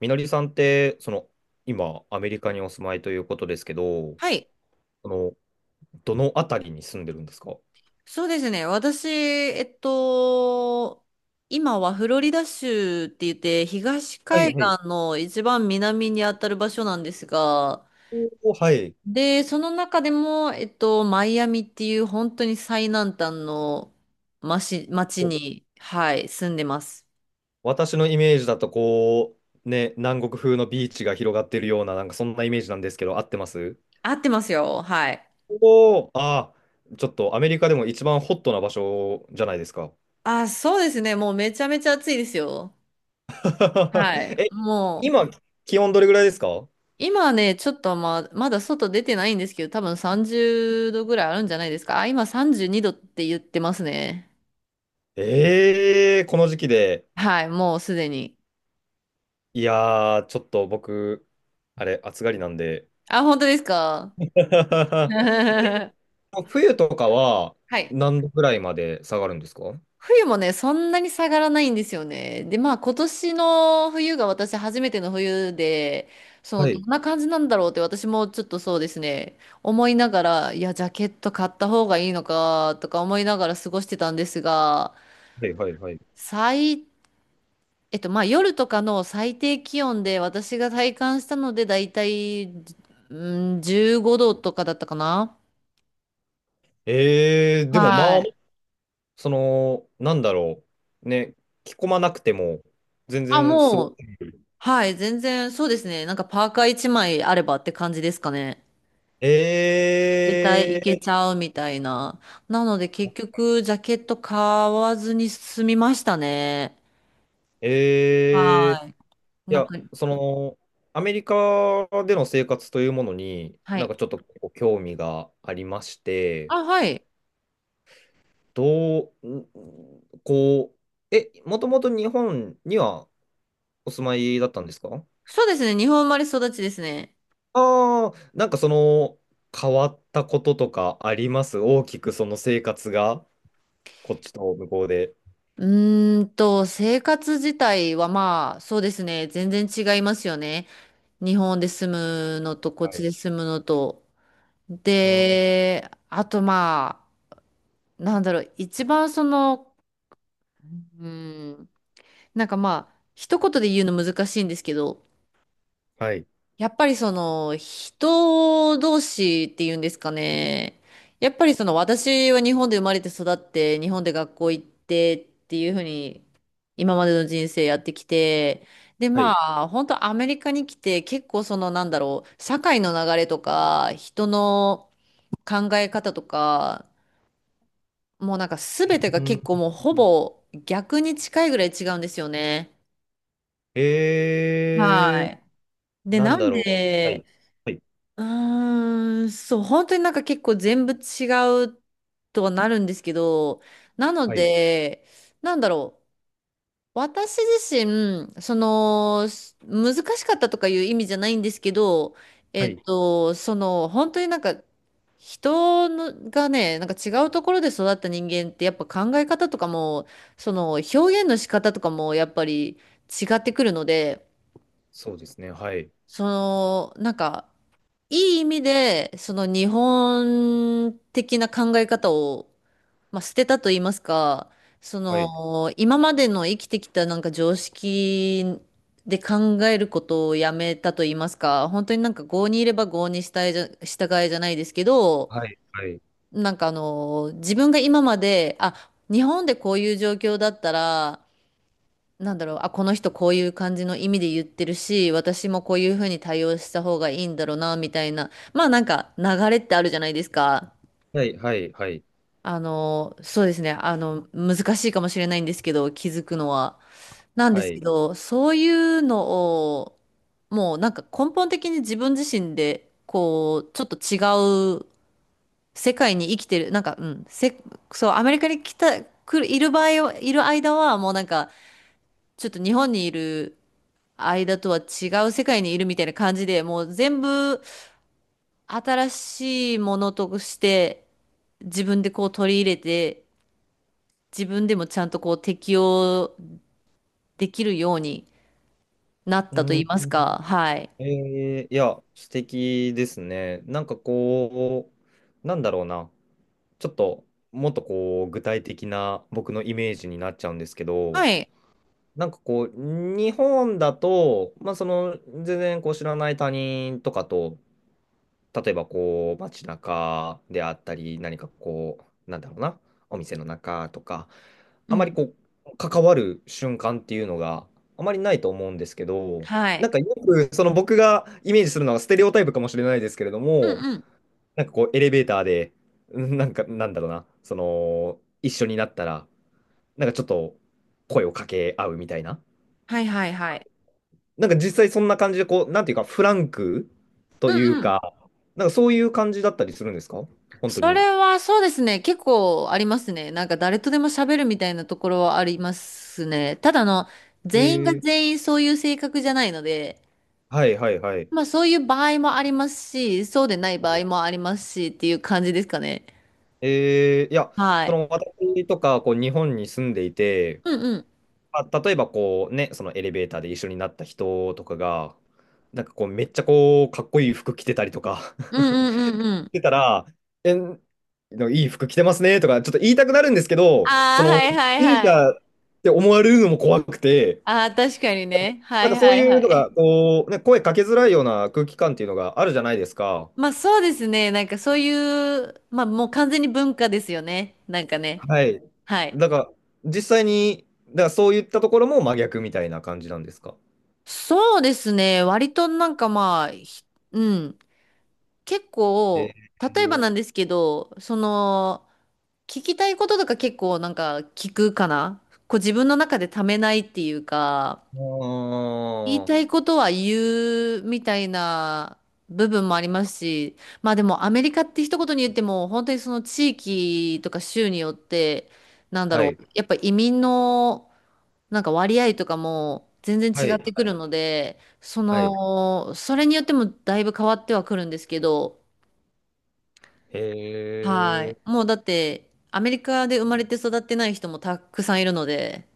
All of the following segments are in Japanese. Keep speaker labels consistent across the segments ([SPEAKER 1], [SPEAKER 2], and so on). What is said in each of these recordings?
[SPEAKER 1] みのりさんって、今、アメリカにお住まいということですけど、
[SPEAKER 2] はい。
[SPEAKER 1] その、どのあたりに住んでるんですか？
[SPEAKER 2] そうですね。私、今はフロリダ州って言って、東
[SPEAKER 1] はい
[SPEAKER 2] 海
[SPEAKER 1] はい。
[SPEAKER 2] 岸の一番南にあたる場所なんですが、
[SPEAKER 1] おーはい。
[SPEAKER 2] で、その中でも、マイアミっていう本当に最南端の町、町
[SPEAKER 1] お、
[SPEAKER 2] に、はい、住んでます。
[SPEAKER 1] 私のイメージだと、ね、南国風のビーチが広がってるような、なんかそんなイメージなんですけど、合ってます？
[SPEAKER 2] 合ってますよ。はい。
[SPEAKER 1] おおー、ああ、ちょっとアメリカでも一番ホットな場所じゃないですか。
[SPEAKER 2] あ、そうですね。もうめちゃめちゃ暑いですよ。は い。
[SPEAKER 1] え、
[SPEAKER 2] もう、
[SPEAKER 1] 今、気温どれぐらいですか？
[SPEAKER 2] 今はね、ちょっとまあ、まだ外出てないんですけど、多分30度ぐらいあるんじゃないですか。あ、今32度って言ってますね。
[SPEAKER 1] ええー、この時期で。
[SPEAKER 2] はい、もうすでに。
[SPEAKER 1] いやー、ちょっと僕、あれ、暑がりなんで、
[SPEAKER 2] あ、本当ですか？ は
[SPEAKER 1] 冬とかは
[SPEAKER 2] い。
[SPEAKER 1] 何度ぐらいまで下がるんですか？
[SPEAKER 2] 冬もね、そんなに下がらないんですよね。で、まあ今年の冬が私初めての冬で、その、
[SPEAKER 1] は
[SPEAKER 2] どん
[SPEAKER 1] い。
[SPEAKER 2] な感じなんだろうって私もちょっとそうですね、思いながら、いや、ジャケット買った方がいいのかとか思いながら過ごしてたんですが、
[SPEAKER 1] はいはいはい。
[SPEAKER 2] 最えっと、まあ夜とかの最低気温で私が体感したのでだいたい、うん、15度とかだったかな。
[SPEAKER 1] えー、でも
[SPEAKER 2] は
[SPEAKER 1] まあ、
[SPEAKER 2] い。
[SPEAKER 1] その、なんだろう。ね、着込まなくても全
[SPEAKER 2] あ、
[SPEAKER 1] 然すご
[SPEAKER 2] も
[SPEAKER 1] く。
[SPEAKER 2] う、はい、全然そうですね。なんかパーカー1枚あればって感じですかね。だいたいいけち
[SPEAKER 1] え
[SPEAKER 2] ゃうみたいな。なので結局ジャケット買わずに済みましたね。
[SPEAKER 1] ー、えー、
[SPEAKER 2] はい。
[SPEAKER 1] い
[SPEAKER 2] なん
[SPEAKER 1] や、
[SPEAKER 2] か、
[SPEAKER 1] その、アメリカでの生活というものに、
[SPEAKER 2] は
[SPEAKER 1] なん
[SPEAKER 2] い。
[SPEAKER 1] かちょっとこう興味がありまして、
[SPEAKER 2] あ、はい。
[SPEAKER 1] どう、ん、こう、え、もともと日本にはお住まいだったんですか？
[SPEAKER 2] そうですね。日本生まれ育ちですね。
[SPEAKER 1] ああー、なんかその、変わったこととかあります？大きくその生活が、こっちと向こうで。
[SPEAKER 2] う生活自体はまあ、そうですね。全然違いますよね。日本で住むのと、こっ
[SPEAKER 1] は
[SPEAKER 2] ち
[SPEAKER 1] い。
[SPEAKER 2] で住むのと。
[SPEAKER 1] うん、
[SPEAKER 2] で、あとまあ、なんだろう、一番その、うーん、なんかまあ、一言で言うの難しいんですけど、
[SPEAKER 1] はい。
[SPEAKER 2] やっぱりその人同士っていうんですかね。やっぱりその私は日本で生まれて育って日本で学校行ってっていうふうに今までの人生やってきて、で
[SPEAKER 1] はい。
[SPEAKER 2] まあ本当アメリカに来て、結構そのなんだろう、社会の流れとか人の考え方とか、もうなんか全てが
[SPEAKER 1] うん
[SPEAKER 2] 結構もうほ
[SPEAKER 1] うん、
[SPEAKER 2] ぼ逆に近いぐらい違うんですよね。は
[SPEAKER 1] え
[SPEAKER 2] い。
[SPEAKER 1] ー、
[SPEAKER 2] で、
[SPEAKER 1] な
[SPEAKER 2] な
[SPEAKER 1] ん
[SPEAKER 2] ん
[SPEAKER 1] だろう。は
[SPEAKER 2] で、
[SPEAKER 1] い。はい。
[SPEAKER 2] うそう、本当になんか結構全部違うとはなるんですけど、なの
[SPEAKER 1] はい。
[SPEAKER 2] で、なんだろう。私自身、その、難しかったとかいう意味じゃないんですけど、
[SPEAKER 1] はい。
[SPEAKER 2] その、本当になんか、人のがね、なんか違うところで育った人間ってやっぱ考え方とかも、その表現の仕方とかもやっぱり違ってくるので、
[SPEAKER 1] そうですね。はい。
[SPEAKER 2] その、なんか、いい意味で、その日本的な考え方を、まあ、捨てたと言いますか、そ
[SPEAKER 1] はい。
[SPEAKER 2] の今までの生きてきたなんか常識で考えることをやめたと言いますか、本当になんか郷にいれば郷に従えじゃ、従えじゃないですけど、
[SPEAKER 1] はい。はい。
[SPEAKER 2] なんかあの、自分が今まで、あ、日本でこういう状況だったら、なんだろう、あ、この人こういう感じの意味で言ってるし、私もこういうふうに対応した方がいいんだろうな、みたいな。まあなんか流れってあるじゃないですか。
[SPEAKER 1] はい。はい。はい。
[SPEAKER 2] あの、そうですね。あの、難しいかもしれないんですけど、気づくのは。なんで
[SPEAKER 1] は
[SPEAKER 2] すけ
[SPEAKER 1] い。
[SPEAKER 2] ど、そういうのを、もうなんか根本的に自分自身で、こう、ちょっと違う世界に生きてる。なんか、うん、そう、アメリカに来た、来る、いる間は、もうなんか、ちょっと日本にいる、間とは違う世界にいるみたいな感じで、もう全部新しいものとして自分でこう取り入れて、自分でもちゃんとこう適応できるようになっ
[SPEAKER 1] う
[SPEAKER 2] たと言
[SPEAKER 1] ん。
[SPEAKER 2] いますか。はい。
[SPEAKER 1] えー、いや、素敵ですね。なんかこう、なんだろうな。ちょっともっとこう具体的な僕のイメージになっちゃうんですけ
[SPEAKER 2] は
[SPEAKER 1] ど、
[SPEAKER 2] い。
[SPEAKER 1] なんかこう日本だと、まあその全然こう知らない他人とかと、例えばこう街中であったり、何かこう、なんだろうな、お店の中とか、
[SPEAKER 2] う
[SPEAKER 1] あま
[SPEAKER 2] ん。
[SPEAKER 1] りこう関わる瞬間っていうのがあまりないと思うんですけど、
[SPEAKER 2] は
[SPEAKER 1] なん
[SPEAKER 2] い。
[SPEAKER 1] かよくその僕がイメージするのはステレオタイプかもしれないですけれど
[SPEAKER 2] うん
[SPEAKER 1] も、
[SPEAKER 2] うん。
[SPEAKER 1] なんかこう、エレベーターで、うんなんか、なんだろうな、その、一緒になったら、なんかちょっと声を掛け合うみたいな。
[SPEAKER 2] はいはいはい。
[SPEAKER 1] なんか実際そんな感じで、こう、なんていうか、フランク
[SPEAKER 2] う
[SPEAKER 1] とい
[SPEAKER 2] ん
[SPEAKER 1] う
[SPEAKER 2] うん。
[SPEAKER 1] か、なんかそういう感じだったりするんですか、本当
[SPEAKER 2] そ
[SPEAKER 1] に？
[SPEAKER 2] れはそうですね。結構ありますね。なんか誰とでも喋るみたいなところはありますね。ただあの、
[SPEAKER 1] え
[SPEAKER 2] 全員が
[SPEAKER 1] ー、
[SPEAKER 2] 全員そういう性格じゃないので、
[SPEAKER 1] はいはいはい。
[SPEAKER 2] まあそういう場合もありますし、そうでない
[SPEAKER 1] は
[SPEAKER 2] 場
[SPEAKER 1] い、
[SPEAKER 2] 合もありますしっていう感じですかね。
[SPEAKER 1] えー、いや、
[SPEAKER 2] は
[SPEAKER 1] そ
[SPEAKER 2] い。
[SPEAKER 1] の私とか、こう、日本に住んでいて、
[SPEAKER 2] うんうん。
[SPEAKER 1] まあ、例えばこうね、そのエレベーターで一緒になった人とかが、なんかこう、めっちゃこう、かっこいい服着てたりとか、
[SPEAKER 2] うんうんうんうん。
[SPEAKER 1] てたら、え、のいい服着てますねとか、ちょっと言いたくなるんですけど、そ
[SPEAKER 2] ああ、は
[SPEAKER 1] の、
[SPEAKER 2] いはい
[SPEAKER 1] ミュージシ
[SPEAKER 2] は
[SPEAKER 1] ャ
[SPEAKER 2] い。
[SPEAKER 1] ンって思われるのも怖くて、
[SPEAKER 2] ああ、確かにね。は
[SPEAKER 1] なん
[SPEAKER 2] い
[SPEAKER 1] かそう
[SPEAKER 2] はい
[SPEAKER 1] い
[SPEAKER 2] は
[SPEAKER 1] うのが、
[SPEAKER 2] い。
[SPEAKER 1] こう、ね、声かけづらいような空気感っていうのがあるじゃないですか。
[SPEAKER 2] まあそうですね。なんかそういう、まあもう完全に文化ですよね。なんかね。
[SPEAKER 1] はい。
[SPEAKER 2] はい。
[SPEAKER 1] だから、実際に、だからそういったところも真逆みたいな感じなんですか。
[SPEAKER 2] そうですね。割となんかまあ、ひうん。結
[SPEAKER 1] え
[SPEAKER 2] 構、例えば
[SPEAKER 1] ー、
[SPEAKER 2] なんですけど、その、聞きたいこととか結構なんか聞くかな、こう自分の中でためないっていうか、
[SPEAKER 1] あ
[SPEAKER 2] 言いたい
[SPEAKER 1] ー、
[SPEAKER 2] ことは言うみたいな部分もありますし、まあでもアメリカって一言に言っても本当にその地域とか州によって、なんだ
[SPEAKER 1] は
[SPEAKER 2] ろ
[SPEAKER 1] い、
[SPEAKER 2] う、やっぱ移民のなんか割合とかも全然
[SPEAKER 1] は
[SPEAKER 2] 違
[SPEAKER 1] い、
[SPEAKER 2] って
[SPEAKER 1] は
[SPEAKER 2] くる
[SPEAKER 1] い、
[SPEAKER 2] ので、そ
[SPEAKER 1] はい。
[SPEAKER 2] の、それによってもだいぶ変わってはくるんですけど、は
[SPEAKER 1] へ
[SPEAKER 2] い。
[SPEAKER 1] え、
[SPEAKER 2] もうだって、アメリカで生まれて育ってない人もたくさんいるので、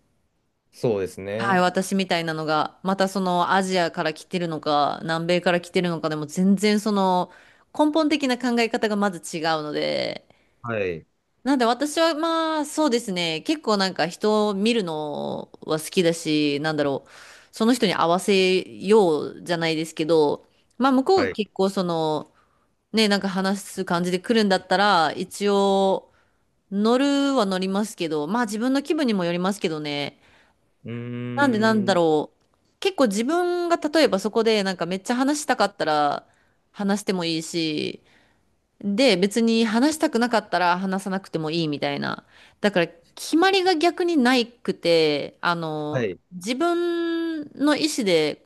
[SPEAKER 1] そうです
[SPEAKER 2] はい、
[SPEAKER 1] ね。
[SPEAKER 2] 私みたいなのが、またそのアジアから来てるのか、南米から来てるのかでも全然その根本的な考え方がまず違うので、
[SPEAKER 1] はい、
[SPEAKER 2] なんで私はまあそうですね、結構なんか人を見るのは好きだし、なんだろう、その人に合わせようじゃないですけど、まあ向こうが
[SPEAKER 1] はい。
[SPEAKER 2] 結構その、ね、なんか話す感じで来るんだったら、一応、乗るは乗りますけど、まあ自分の気分にもよりますけどね。
[SPEAKER 1] うー
[SPEAKER 2] なんでなんだ
[SPEAKER 1] ん、
[SPEAKER 2] ろう。結構自分が例えばそこでなんかめっちゃ話したかったら話してもいいし、で別に話したくなかったら話さなくてもいいみたいな。だから決まりが逆にないくて、あ
[SPEAKER 1] は
[SPEAKER 2] の、
[SPEAKER 1] い。
[SPEAKER 2] 自分の意思で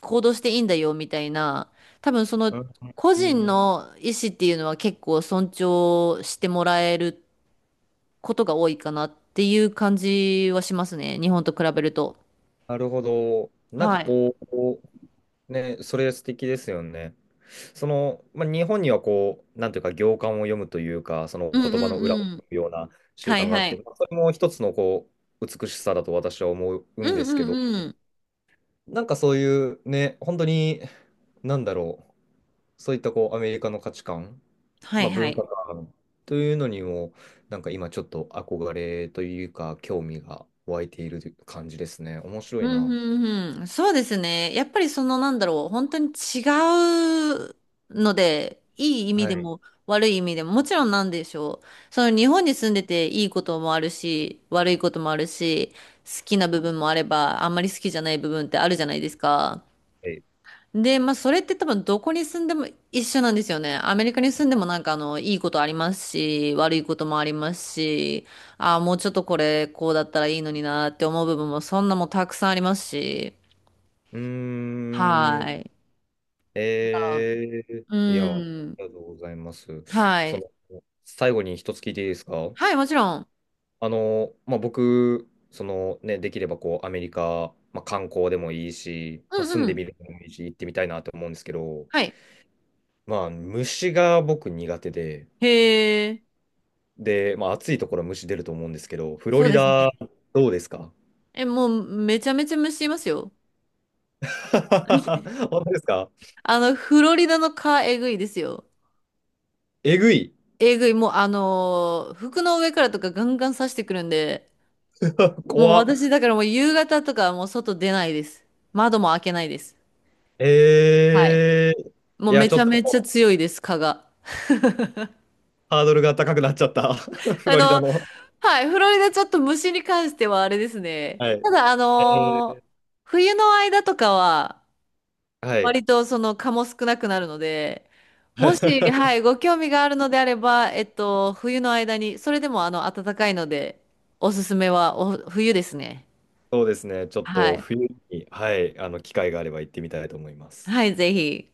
[SPEAKER 2] 行動していいんだよみたいな。多分その
[SPEAKER 1] うん、
[SPEAKER 2] 個
[SPEAKER 1] う
[SPEAKER 2] 人
[SPEAKER 1] ん、
[SPEAKER 2] の意思っていうのは結構尊重してもらえることが多いかなっていう感じはしますね。日本と比べると。
[SPEAKER 1] なるほど。なんか
[SPEAKER 2] はい。
[SPEAKER 1] こう、ね、それ素敵ですよね。その、まあ、日本にはこう、なんていうか、行間を読むというか、その
[SPEAKER 2] うん
[SPEAKER 1] 言葉
[SPEAKER 2] う
[SPEAKER 1] の
[SPEAKER 2] ん
[SPEAKER 1] 裏を
[SPEAKER 2] う
[SPEAKER 1] 読
[SPEAKER 2] ん。
[SPEAKER 1] むような習
[SPEAKER 2] はい
[SPEAKER 1] 慣があっ
[SPEAKER 2] は
[SPEAKER 1] て、
[SPEAKER 2] い。
[SPEAKER 1] まあ、それも一つのこう、美しさだと私は思う
[SPEAKER 2] う
[SPEAKER 1] んで
[SPEAKER 2] んう
[SPEAKER 1] すけど、
[SPEAKER 2] んうん。
[SPEAKER 1] なんかそういうね、本当に、なんだろう。そういったこうアメリカの価値観、
[SPEAKER 2] は
[SPEAKER 1] ま
[SPEAKER 2] い
[SPEAKER 1] あ、
[SPEAKER 2] は
[SPEAKER 1] 文
[SPEAKER 2] い。
[SPEAKER 1] 化観というのにも、なんか今ちょっと憧れというか、興味が湧いている感じですね。面白
[SPEAKER 2] う
[SPEAKER 1] い
[SPEAKER 2] ん
[SPEAKER 1] な。
[SPEAKER 2] うんうん。そうですね。やっぱりそのなんだろう。本当に違うので、いい意味
[SPEAKER 1] は
[SPEAKER 2] で
[SPEAKER 1] い。
[SPEAKER 2] も悪い意味でも、もちろんなんでしょう。その日本に住んでていいこともあるし、悪いこともあるし、好きな部分もあれば、あんまり好きじゃない部分ってあるじゃないですか。
[SPEAKER 1] はい。
[SPEAKER 2] で、まあ、それって多分どこに住んでも一緒なんですよね。アメリカに住んでもなんかあの、いいことありますし、悪いこともありますし、ああ、もうちょっとこれ、こうだったらいいのになって思う部分もそんなもんたくさんありますし、
[SPEAKER 1] うー
[SPEAKER 2] は
[SPEAKER 1] ん。
[SPEAKER 2] い。あ
[SPEAKER 1] えー、
[SPEAKER 2] う
[SPEAKER 1] いや、あり
[SPEAKER 2] ん。
[SPEAKER 1] がとうございます。
[SPEAKER 2] は
[SPEAKER 1] そ
[SPEAKER 2] い。
[SPEAKER 1] の、最後に一つ聞いていいですか？
[SPEAKER 2] はい、もちろん。
[SPEAKER 1] あの、まあ、僕、そのね、できればこう、アメリカ、まあ、観光でもいいし、
[SPEAKER 2] う
[SPEAKER 1] まあ、
[SPEAKER 2] ん
[SPEAKER 1] 住ん
[SPEAKER 2] う
[SPEAKER 1] で
[SPEAKER 2] ん。
[SPEAKER 1] みるのもいいし、行ってみたいなと思うんですけど、
[SPEAKER 2] はい。
[SPEAKER 1] まあ、虫が僕苦手で、
[SPEAKER 2] へえ。
[SPEAKER 1] で、まあ、暑いところは虫出ると思うんですけど、フロ
[SPEAKER 2] そう
[SPEAKER 1] リ
[SPEAKER 2] ですね。
[SPEAKER 1] ダ、どうですか？
[SPEAKER 2] え、もうめちゃめちゃ虫いますよ。
[SPEAKER 1] 本当ですか？
[SPEAKER 2] あの、フロリダの蚊えぐいですよ。
[SPEAKER 1] えぐい。
[SPEAKER 2] えぐい、もう服の上からとかガンガン刺してくるんで、もう
[SPEAKER 1] 怖
[SPEAKER 2] 私、
[SPEAKER 1] っ。
[SPEAKER 2] だからもう夕方とかはもう外出ないです。窓も開けないです。はい。
[SPEAKER 1] えー、
[SPEAKER 2] もう
[SPEAKER 1] いや、
[SPEAKER 2] め
[SPEAKER 1] ち
[SPEAKER 2] ちゃ
[SPEAKER 1] ょっと
[SPEAKER 2] めちゃ強いです、蚊が。
[SPEAKER 1] ハードルが高くなっちゃった。フ
[SPEAKER 2] あ
[SPEAKER 1] ロリダ
[SPEAKER 2] の、
[SPEAKER 1] の。
[SPEAKER 2] はい、フロリダちょっと虫に関してはあれですね。
[SPEAKER 1] は
[SPEAKER 2] た
[SPEAKER 1] い。
[SPEAKER 2] だ、
[SPEAKER 1] えー、
[SPEAKER 2] 冬の間とかは、
[SPEAKER 1] はい。
[SPEAKER 2] 割とその蚊も少なくなるので、もし、はい、ご興味があるのであれば、冬の間に、それでもあの、暖かいので、おすすめは冬ですね。
[SPEAKER 1] そうですね。ちょっ
[SPEAKER 2] は
[SPEAKER 1] と
[SPEAKER 2] い。
[SPEAKER 1] 冬に、はい、あの、機会があれば行ってみたいと思います。
[SPEAKER 2] はい、ぜひ。